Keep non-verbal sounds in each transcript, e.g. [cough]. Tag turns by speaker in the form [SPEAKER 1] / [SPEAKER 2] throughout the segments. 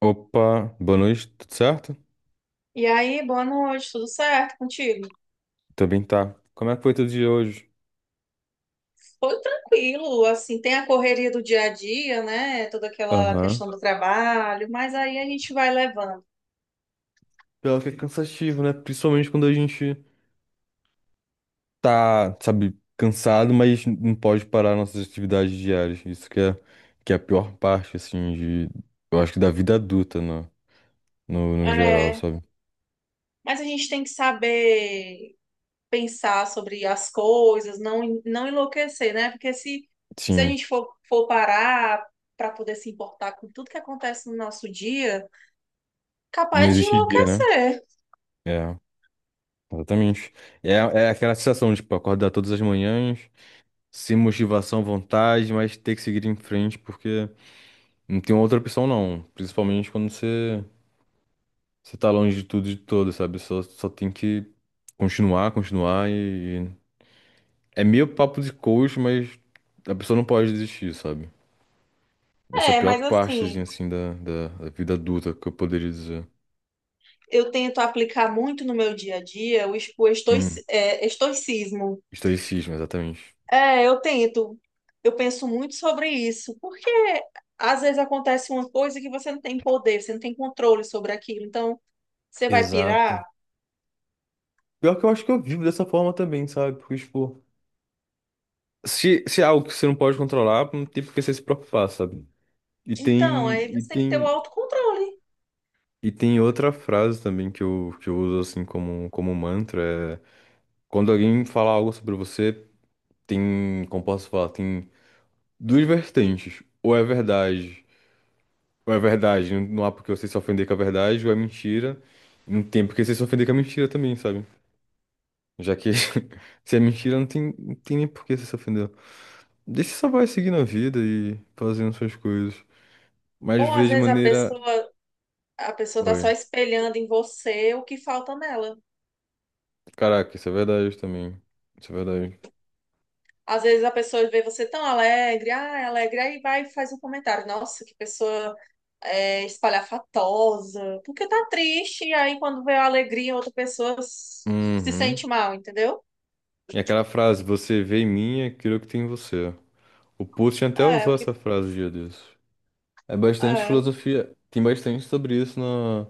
[SPEAKER 1] Opa, boa noite, tudo certo?
[SPEAKER 2] E aí, boa noite, tudo certo contigo?
[SPEAKER 1] Também tá. Como é que foi teu dia hoje?
[SPEAKER 2] Foi tranquilo, assim, tem a correria do dia a dia, né? Toda aquela
[SPEAKER 1] Aham.
[SPEAKER 2] questão do trabalho, mas aí a gente vai levando.
[SPEAKER 1] Pior que é cansativo, né? Principalmente quando a gente. Tá, sabe, cansado, mas não pode parar nossas atividades diárias. Isso que é a pior parte, assim, de, eu acho que da vida adulta, no geral,
[SPEAKER 2] É,
[SPEAKER 1] sabe?
[SPEAKER 2] mas a gente tem que saber pensar sobre as coisas, não enlouquecer, né? Porque Se a
[SPEAKER 1] Sim,
[SPEAKER 2] gente for parar para poder se importar com tudo que acontece no nosso dia,
[SPEAKER 1] não
[SPEAKER 2] capaz de
[SPEAKER 1] existe dia, né?
[SPEAKER 2] enlouquecer.
[SPEAKER 1] É, exatamente. É aquela sensação, tipo, acordar todas as manhãs, sem motivação, vontade, mas ter que seguir em frente, porque não tem outra opção, não. Principalmente quando você tá longe de tudo e de todo, sabe? Só tem que continuar, continuar e. É meio papo de coach, mas a pessoa não pode desistir, sabe? Essa é a
[SPEAKER 2] É,
[SPEAKER 1] pior
[SPEAKER 2] mas
[SPEAKER 1] partezinha,
[SPEAKER 2] assim.
[SPEAKER 1] assim, da vida adulta, que eu poderia dizer.
[SPEAKER 2] Eu tento aplicar muito no meu dia a dia o
[SPEAKER 1] Hum,
[SPEAKER 2] estoicismo.
[SPEAKER 1] estoicismo, exatamente.
[SPEAKER 2] É, eu tento. Eu penso muito sobre isso, porque às vezes acontece uma coisa que você não tem poder, você não tem controle sobre aquilo. Então, você vai
[SPEAKER 1] Exato.
[SPEAKER 2] pirar?
[SPEAKER 1] Pior que eu acho que eu vivo dessa forma também, sabe? Porque, tipo, se é algo que você não pode controlar, não tem por que você se preocupar, sabe? E
[SPEAKER 2] Então,
[SPEAKER 1] tem,
[SPEAKER 2] aí
[SPEAKER 1] e
[SPEAKER 2] você tem que ter o
[SPEAKER 1] tem
[SPEAKER 2] autocontrole.
[SPEAKER 1] E tem outra frase também que eu uso assim como mantra, é quando alguém fala algo sobre você, tem, como posso falar, tem duas vertentes. Ou é verdade, não não há porque você se ofender com a verdade, ou é mentira, não tem porque você se ofender com a mentira também, sabe? Já que [laughs] se é mentira, não tem nem por que você se ofender. Deixa só vai seguindo a vida e fazendo suas coisas. Mas
[SPEAKER 2] Ou às
[SPEAKER 1] vê de
[SPEAKER 2] vezes
[SPEAKER 1] maneira.
[SPEAKER 2] a pessoa tá só
[SPEAKER 1] Oi.
[SPEAKER 2] espelhando em você o que falta nela.
[SPEAKER 1] Caraca, isso é verdade também. Isso é verdade.
[SPEAKER 2] Às vezes a pessoa vê você tão alegre, ah, é alegre, aí vai e faz um comentário. Nossa, que pessoa espalhafatosa, porque tá triste, e aí quando vê a alegria em outra pessoa se
[SPEAKER 1] Uhum.
[SPEAKER 2] sente mal, entendeu?
[SPEAKER 1] E aquela frase, você vê em mim aquilo que tem em você. O Putin até
[SPEAKER 2] É, o
[SPEAKER 1] usou
[SPEAKER 2] que
[SPEAKER 1] essa frase um dia desses. É bastante
[SPEAKER 2] é,
[SPEAKER 1] filosofia, tem bastante sobre isso na,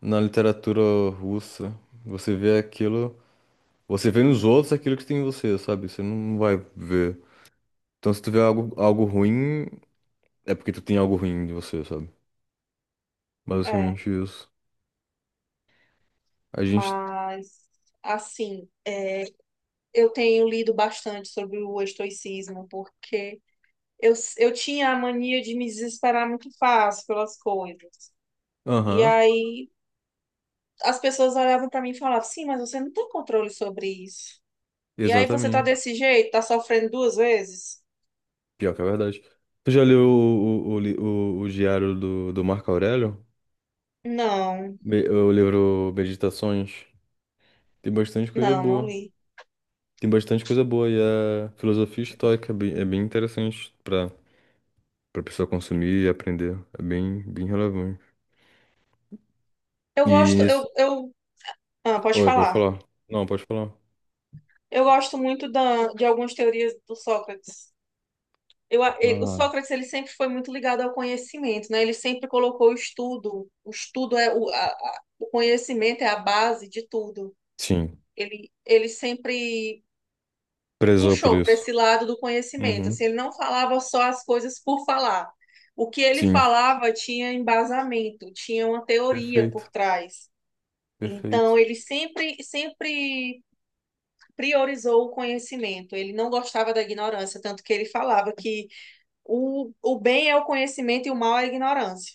[SPEAKER 1] na literatura russa. Você vê aquilo, você vê nos outros aquilo que tem em você, sabe? Você não vai ver. Então se tu vê algo ruim, é porque tu tem algo ruim de você, sabe?
[SPEAKER 2] é,
[SPEAKER 1] Basicamente isso. A gente...
[SPEAKER 2] mas assim, eu tenho lido bastante sobre o estoicismo, porque eu tinha a mania de me desesperar muito fácil pelas coisas. E
[SPEAKER 1] Aham,
[SPEAKER 2] aí as pessoas olhavam pra mim e falavam, sim, mas você não tem controle sobre isso. E aí você tá
[SPEAKER 1] exatamente.
[SPEAKER 2] desse jeito, tá sofrendo duas vezes?
[SPEAKER 1] Pior que é verdade. Tu já leu o diário do Marco Aurélio?
[SPEAKER 2] Não,
[SPEAKER 1] O livro Meditações tem bastante coisa
[SPEAKER 2] não, não
[SPEAKER 1] boa.
[SPEAKER 2] li.
[SPEAKER 1] Tem bastante coisa boa e a filosofia estoica é bem interessante para pessoa consumir e aprender. É bem, bem relevante.
[SPEAKER 2] Eu
[SPEAKER 1] E
[SPEAKER 2] gosto,
[SPEAKER 1] nesse...
[SPEAKER 2] eu, ah, pode
[SPEAKER 1] Oi, pode
[SPEAKER 2] falar.
[SPEAKER 1] falar. Não, pode falar.
[SPEAKER 2] Eu gosto muito de algumas teorias do Sócrates. O
[SPEAKER 1] Ah.
[SPEAKER 2] Sócrates ele sempre foi muito ligado ao conhecimento, né? Ele sempre colocou o estudo. O estudo é o conhecimento é a base de tudo.
[SPEAKER 1] Sim,
[SPEAKER 2] Ele sempre
[SPEAKER 1] prezou por
[SPEAKER 2] puxou para
[SPEAKER 1] isso.
[SPEAKER 2] esse lado do conhecimento.
[SPEAKER 1] Uhum.
[SPEAKER 2] Assim, ele não falava só as coisas por falar. O que ele
[SPEAKER 1] Sim.
[SPEAKER 2] falava tinha embasamento, tinha uma teoria por
[SPEAKER 1] Perfeito,
[SPEAKER 2] trás. Então,
[SPEAKER 1] perfeito.
[SPEAKER 2] sempre priorizou o conhecimento, ele não gostava da ignorância, tanto que ele falava que o bem é o conhecimento e o mal é a ignorância.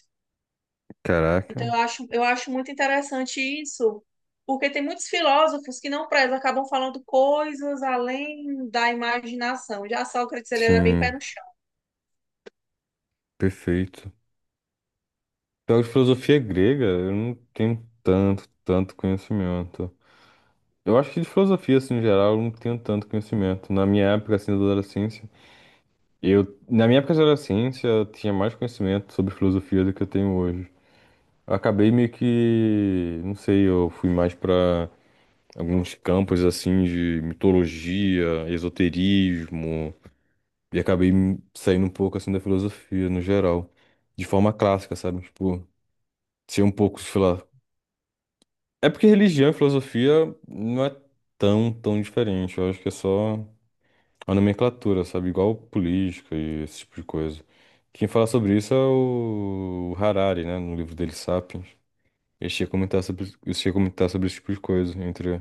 [SPEAKER 2] Então,
[SPEAKER 1] Caraca.
[SPEAKER 2] eu acho muito interessante isso, porque tem muitos filósofos que não prezam, acabam falando coisas além da imaginação. Já Sócrates, ele era bem pé
[SPEAKER 1] Sim,
[SPEAKER 2] no chão.
[SPEAKER 1] perfeito. Pior que filosofia é grega, eu não tenho tanto conhecimento. Eu acho que de filosofia, assim, em geral, eu não tenho tanto conhecimento. Na minha época, assim, da adolescência, na minha época de adolescência, eu tinha mais conhecimento sobre filosofia do que eu tenho hoje. Eu acabei meio que, não sei, eu fui mais pra alguns campos, assim, de mitologia, esoterismo, e acabei saindo um pouco, assim, da filosofia, no geral. De forma clássica, sabe? Tipo, ser um pouco, sei lá. É porque religião e filosofia não é tão, tão diferente. Eu acho que é só a nomenclatura, sabe? Igual política e esse tipo de coisa. Quem fala sobre isso é o Harari, né? No livro dele, Sapiens. Ele chega a comentar sobre, ele chega a comentar sobre esse tipo de coisa, entre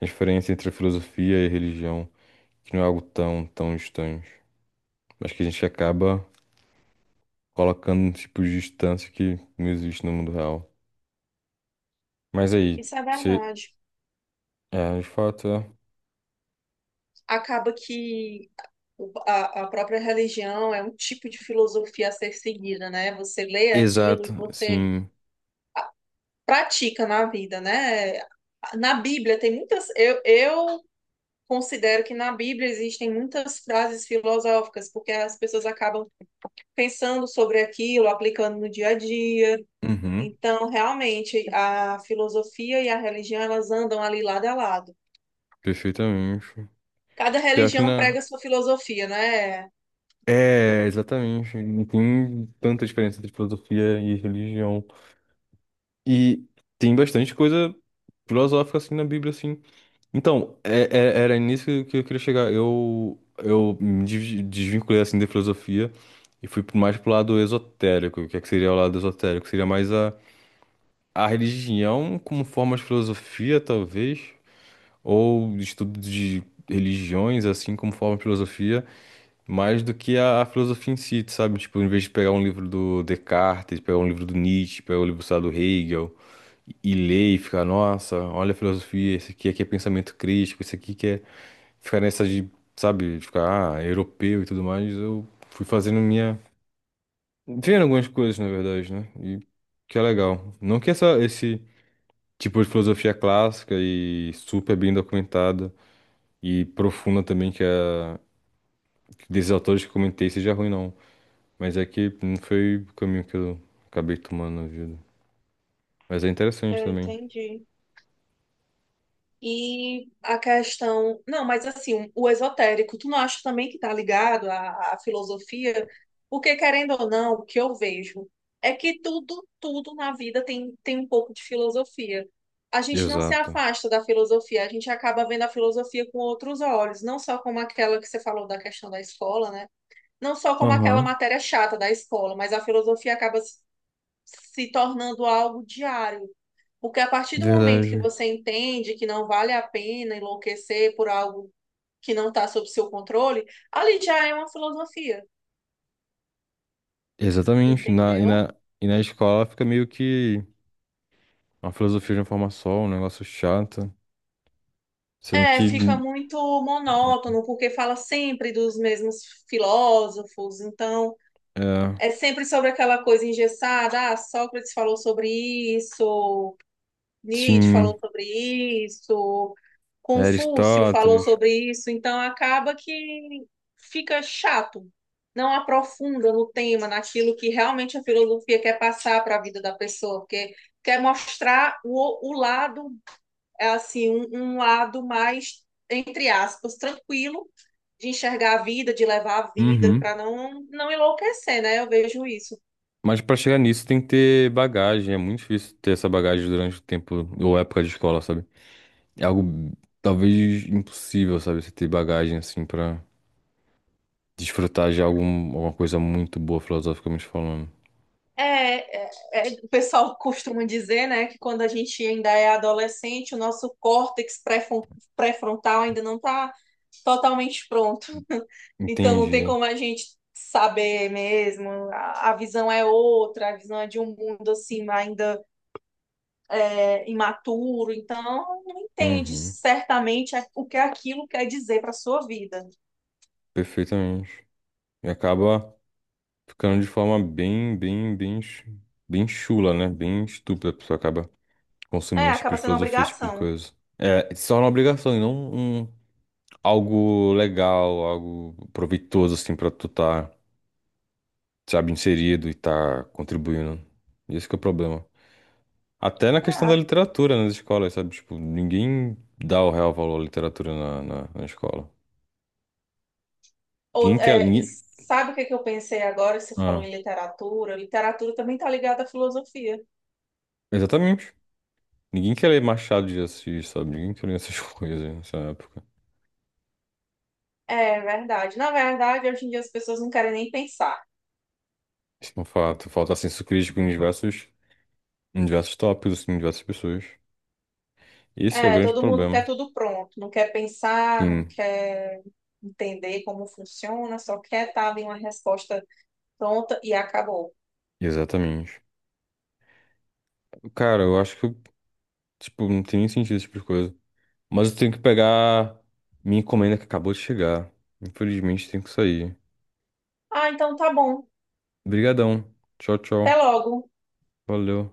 [SPEAKER 1] a diferença entre a filosofia e a religião, que não é algo tão, tão distante, mas que a gente acaba colocando um tipo de distância que não existe no mundo real. Mas aí,
[SPEAKER 2] Isso é
[SPEAKER 1] você...
[SPEAKER 2] verdade.
[SPEAKER 1] É, de fato, é.
[SPEAKER 2] Acaba que a própria religião é um tipo de filosofia a ser seguida, né? Você lê aquilo
[SPEAKER 1] Exato,
[SPEAKER 2] e você
[SPEAKER 1] sim.
[SPEAKER 2] pratica na vida, né? Na Bíblia tem muitas. Eu considero que na Bíblia existem muitas frases filosóficas, porque as pessoas acabam pensando sobre aquilo, aplicando no dia a dia.
[SPEAKER 1] Uhum,
[SPEAKER 2] Então, realmente, a filosofia e a religião, elas andam ali lado a lado.
[SPEAKER 1] perfeitamente.
[SPEAKER 2] Cada
[SPEAKER 1] Pior que
[SPEAKER 2] religião
[SPEAKER 1] não.
[SPEAKER 2] prega sua filosofia, né?
[SPEAKER 1] É, exatamente. Não tem tanta diferença entre filosofia e religião. E tem bastante coisa filosófica assim na Bíblia, assim. Então, era nisso que eu queria chegar. Eu desvinculei assim da filosofia e fui mais pro lado esotérico. O que é que seria o lado esotérico? Seria mais a religião como forma de filosofia, talvez, ou estudo de religiões assim como forma de filosofia mais do que a filosofia em si, sabe? Tipo, em vez de pegar um livro do Descartes, pegar um livro do Nietzsche, pegar um livro, sei lá, do Hegel e ler e ficar, nossa, olha a filosofia, esse aqui, aqui é pensamento crítico, esse aqui que é ficar nessa de, sabe, de ficar, ah, é europeu e tudo mais, eu fui fazendo minha. Vendo algumas coisas, na verdade, né? E que é legal. Não que essa, esse tipo de filosofia clássica e super bem documentada e profunda também, que é desses autores que eu comentei, seja ruim, não. Mas é que não foi o caminho que eu acabei tomando na vida. Mas é interessante
[SPEAKER 2] Eu
[SPEAKER 1] também.
[SPEAKER 2] entendi. E a questão. Não, mas assim, um, o esotérico, tu não acha também que está ligado à, à filosofia? Porque, querendo ou não, o que eu vejo é que tudo na vida tem um pouco de filosofia. A gente não se
[SPEAKER 1] Exato.
[SPEAKER 2] afasta da filosofia, a gente acaba vendo a filosofia com outros olhos, não só como aquela que você falou da questão da escola, né? Não só como aquela
[SPEAKER 1] Aham,
[SPEAKER 2] matéria chata da escola, mas a filosofia acaba se tornando algo diário porque a partir do momento que
[SPEAKER 1] verdade.
[SPEAKER 2] você entende que não vale a pena enlouquecer por algo que não está sob seu controle, ali já é uma filosofia,
[SPEAKER 1] Exatamente.
[SPEAKER 2] entendeu?
[SPEAKER 1] E na escola fica meio que uma filosofia de uma forma só, um negócio chato. Sendo
[SPEAKER 2] É,
[SPEAKER 1] que,
[SPEAKER 2] fica muito monótono, porque fala sempre dos mesmos filósofos, então
[SPEAKER 1] é,
[SPEAKER 2] é sempre sobre aquela coisa engessada, ah, Sócrates falou sobre isso, Nietzsche
[SPEAKER 1] sim,
[SPEAKER 2] falou sobre isso,
[SPEAKER 1] é
[SPEAKER 2] Confúcio falou
[SPEAKER 1] Aristóteles.
[SPEAKER 2] sobre isso, então acaba que fica chato, não aprofunda no tema, naquilo que realmente a filosofia quer passar para a vida da pessoa, porque quer mostrar o lado, é assim, um lado mais, entre aspas, tranquilo de enxergar a vida, de levar a vida,
[SPEAKER 1] Uhum.
[SPEAKER 2] para não enlouquecer, né? Eu vejo isso.
[SPEAKER 1] Mas pra chegar nisso tem que ter bagagem. É muito difícil ter essa bagagem durante o tempo ou época de escola, sabe? É algo talvez impossível, sabe? Você ter bagagem assim pra. Desfrutar de algum, alguma coisa muito boa, filosoficamente falando.
[SPEAKER 2] O pessoal costuma dizer, né, que quando a gente ainda é adolescente, o nosso pré-frontal ainda não está totalmente pronto. [laughs] Então não tem
[SPEAKER 1] Entendi.
[SPEAKER 2] como a gente saber mesmo. A visão é outra, a visão é de um mundo assim ainda imaturo. Então não entende
[SPEAKER 1] Uhum.
[SPEAKER 2] certamente o que é aquilo quer dizer para sua vida.
[SPEAKER 1] Perfeitamente. E acaba ficando de forma bem chula, né? Bem estúpida. A pessoa acaba
[SPEAKER 2] É,
[SPEAKER 1] consumindo esse tipo
[SPEAKER 2] acaba
[SPEAKER 1] de
[SPEAKER 2] sendo uma
[SPEAKER 1] filosofia, esse tipo de
[SPEAKER 2] obrigação.
[SPEAKER 1] coisa. É, se torna uma obrigação e não um, algo legal, algo proveitoso, assim, pra tu tá, sabe, inserido e tá contribuindo. Esse que é o problema. Até na questão da
[SPEAKER 2] É,
[SPEAKER 1] literatura nas escolas, sabe? Tipo, ninguém dá o real valor à literatura na escola. Ninguém
[SPEAKER 2] Ou-
[SPEAKER 1] quer.
[SPEAKER 2] é,
[SPEAKER 1] Ninguém...
[SPEAKER 2] sabe o que que eu pensei agora? Você falou
[SPEAKER 1] Ah,
[SPEAKER 2] em literatura. Literatura também está ligada à filosofia.
[SPEAKER 1] exatamente. Ninguém quer ler Machado de Assis, sabe? Ninguém quer ler essas [laughs] coisas nessa época.
[SPEAKER 2] É verdade. Na verdade, hoje em dia as pessoas não querem nem pensar.
[SPEAKER 1] Isso é um fato. Falta senso crítico em diversos tópicos, assim, em diversas pessoas. Esse que é o
[SPEAKER 2] É,
[SPEAKER 1] grande
[SPEAKER 2] todo mundo
[SPEAKER 1] problema.
[SPEAKER 2] quer tudo pronto, não quer pensar, não
[SPEAKER 1] Sim,
[SPEAKER 2] quer entender como funciona, só quer estar ali uma resposta pronta e acabou.
[SPEAKER 1] exatamente. Cara, eu acho tipo, não tem nem sentido esse tipo de coisa. Mas eu tenho que pegar minha encomenda que acabou de chegar. Infelizmente, tenho que sair.
[SPEAKER 2] Ah, então tá bom.
[SPEAKER 1] Obrigadão. Tchau,
[SPEAKER 2] Até
[SPEAKER 1] tchau.
[SPEAKER 2] logo.
[SPEAKER 1] Valeu.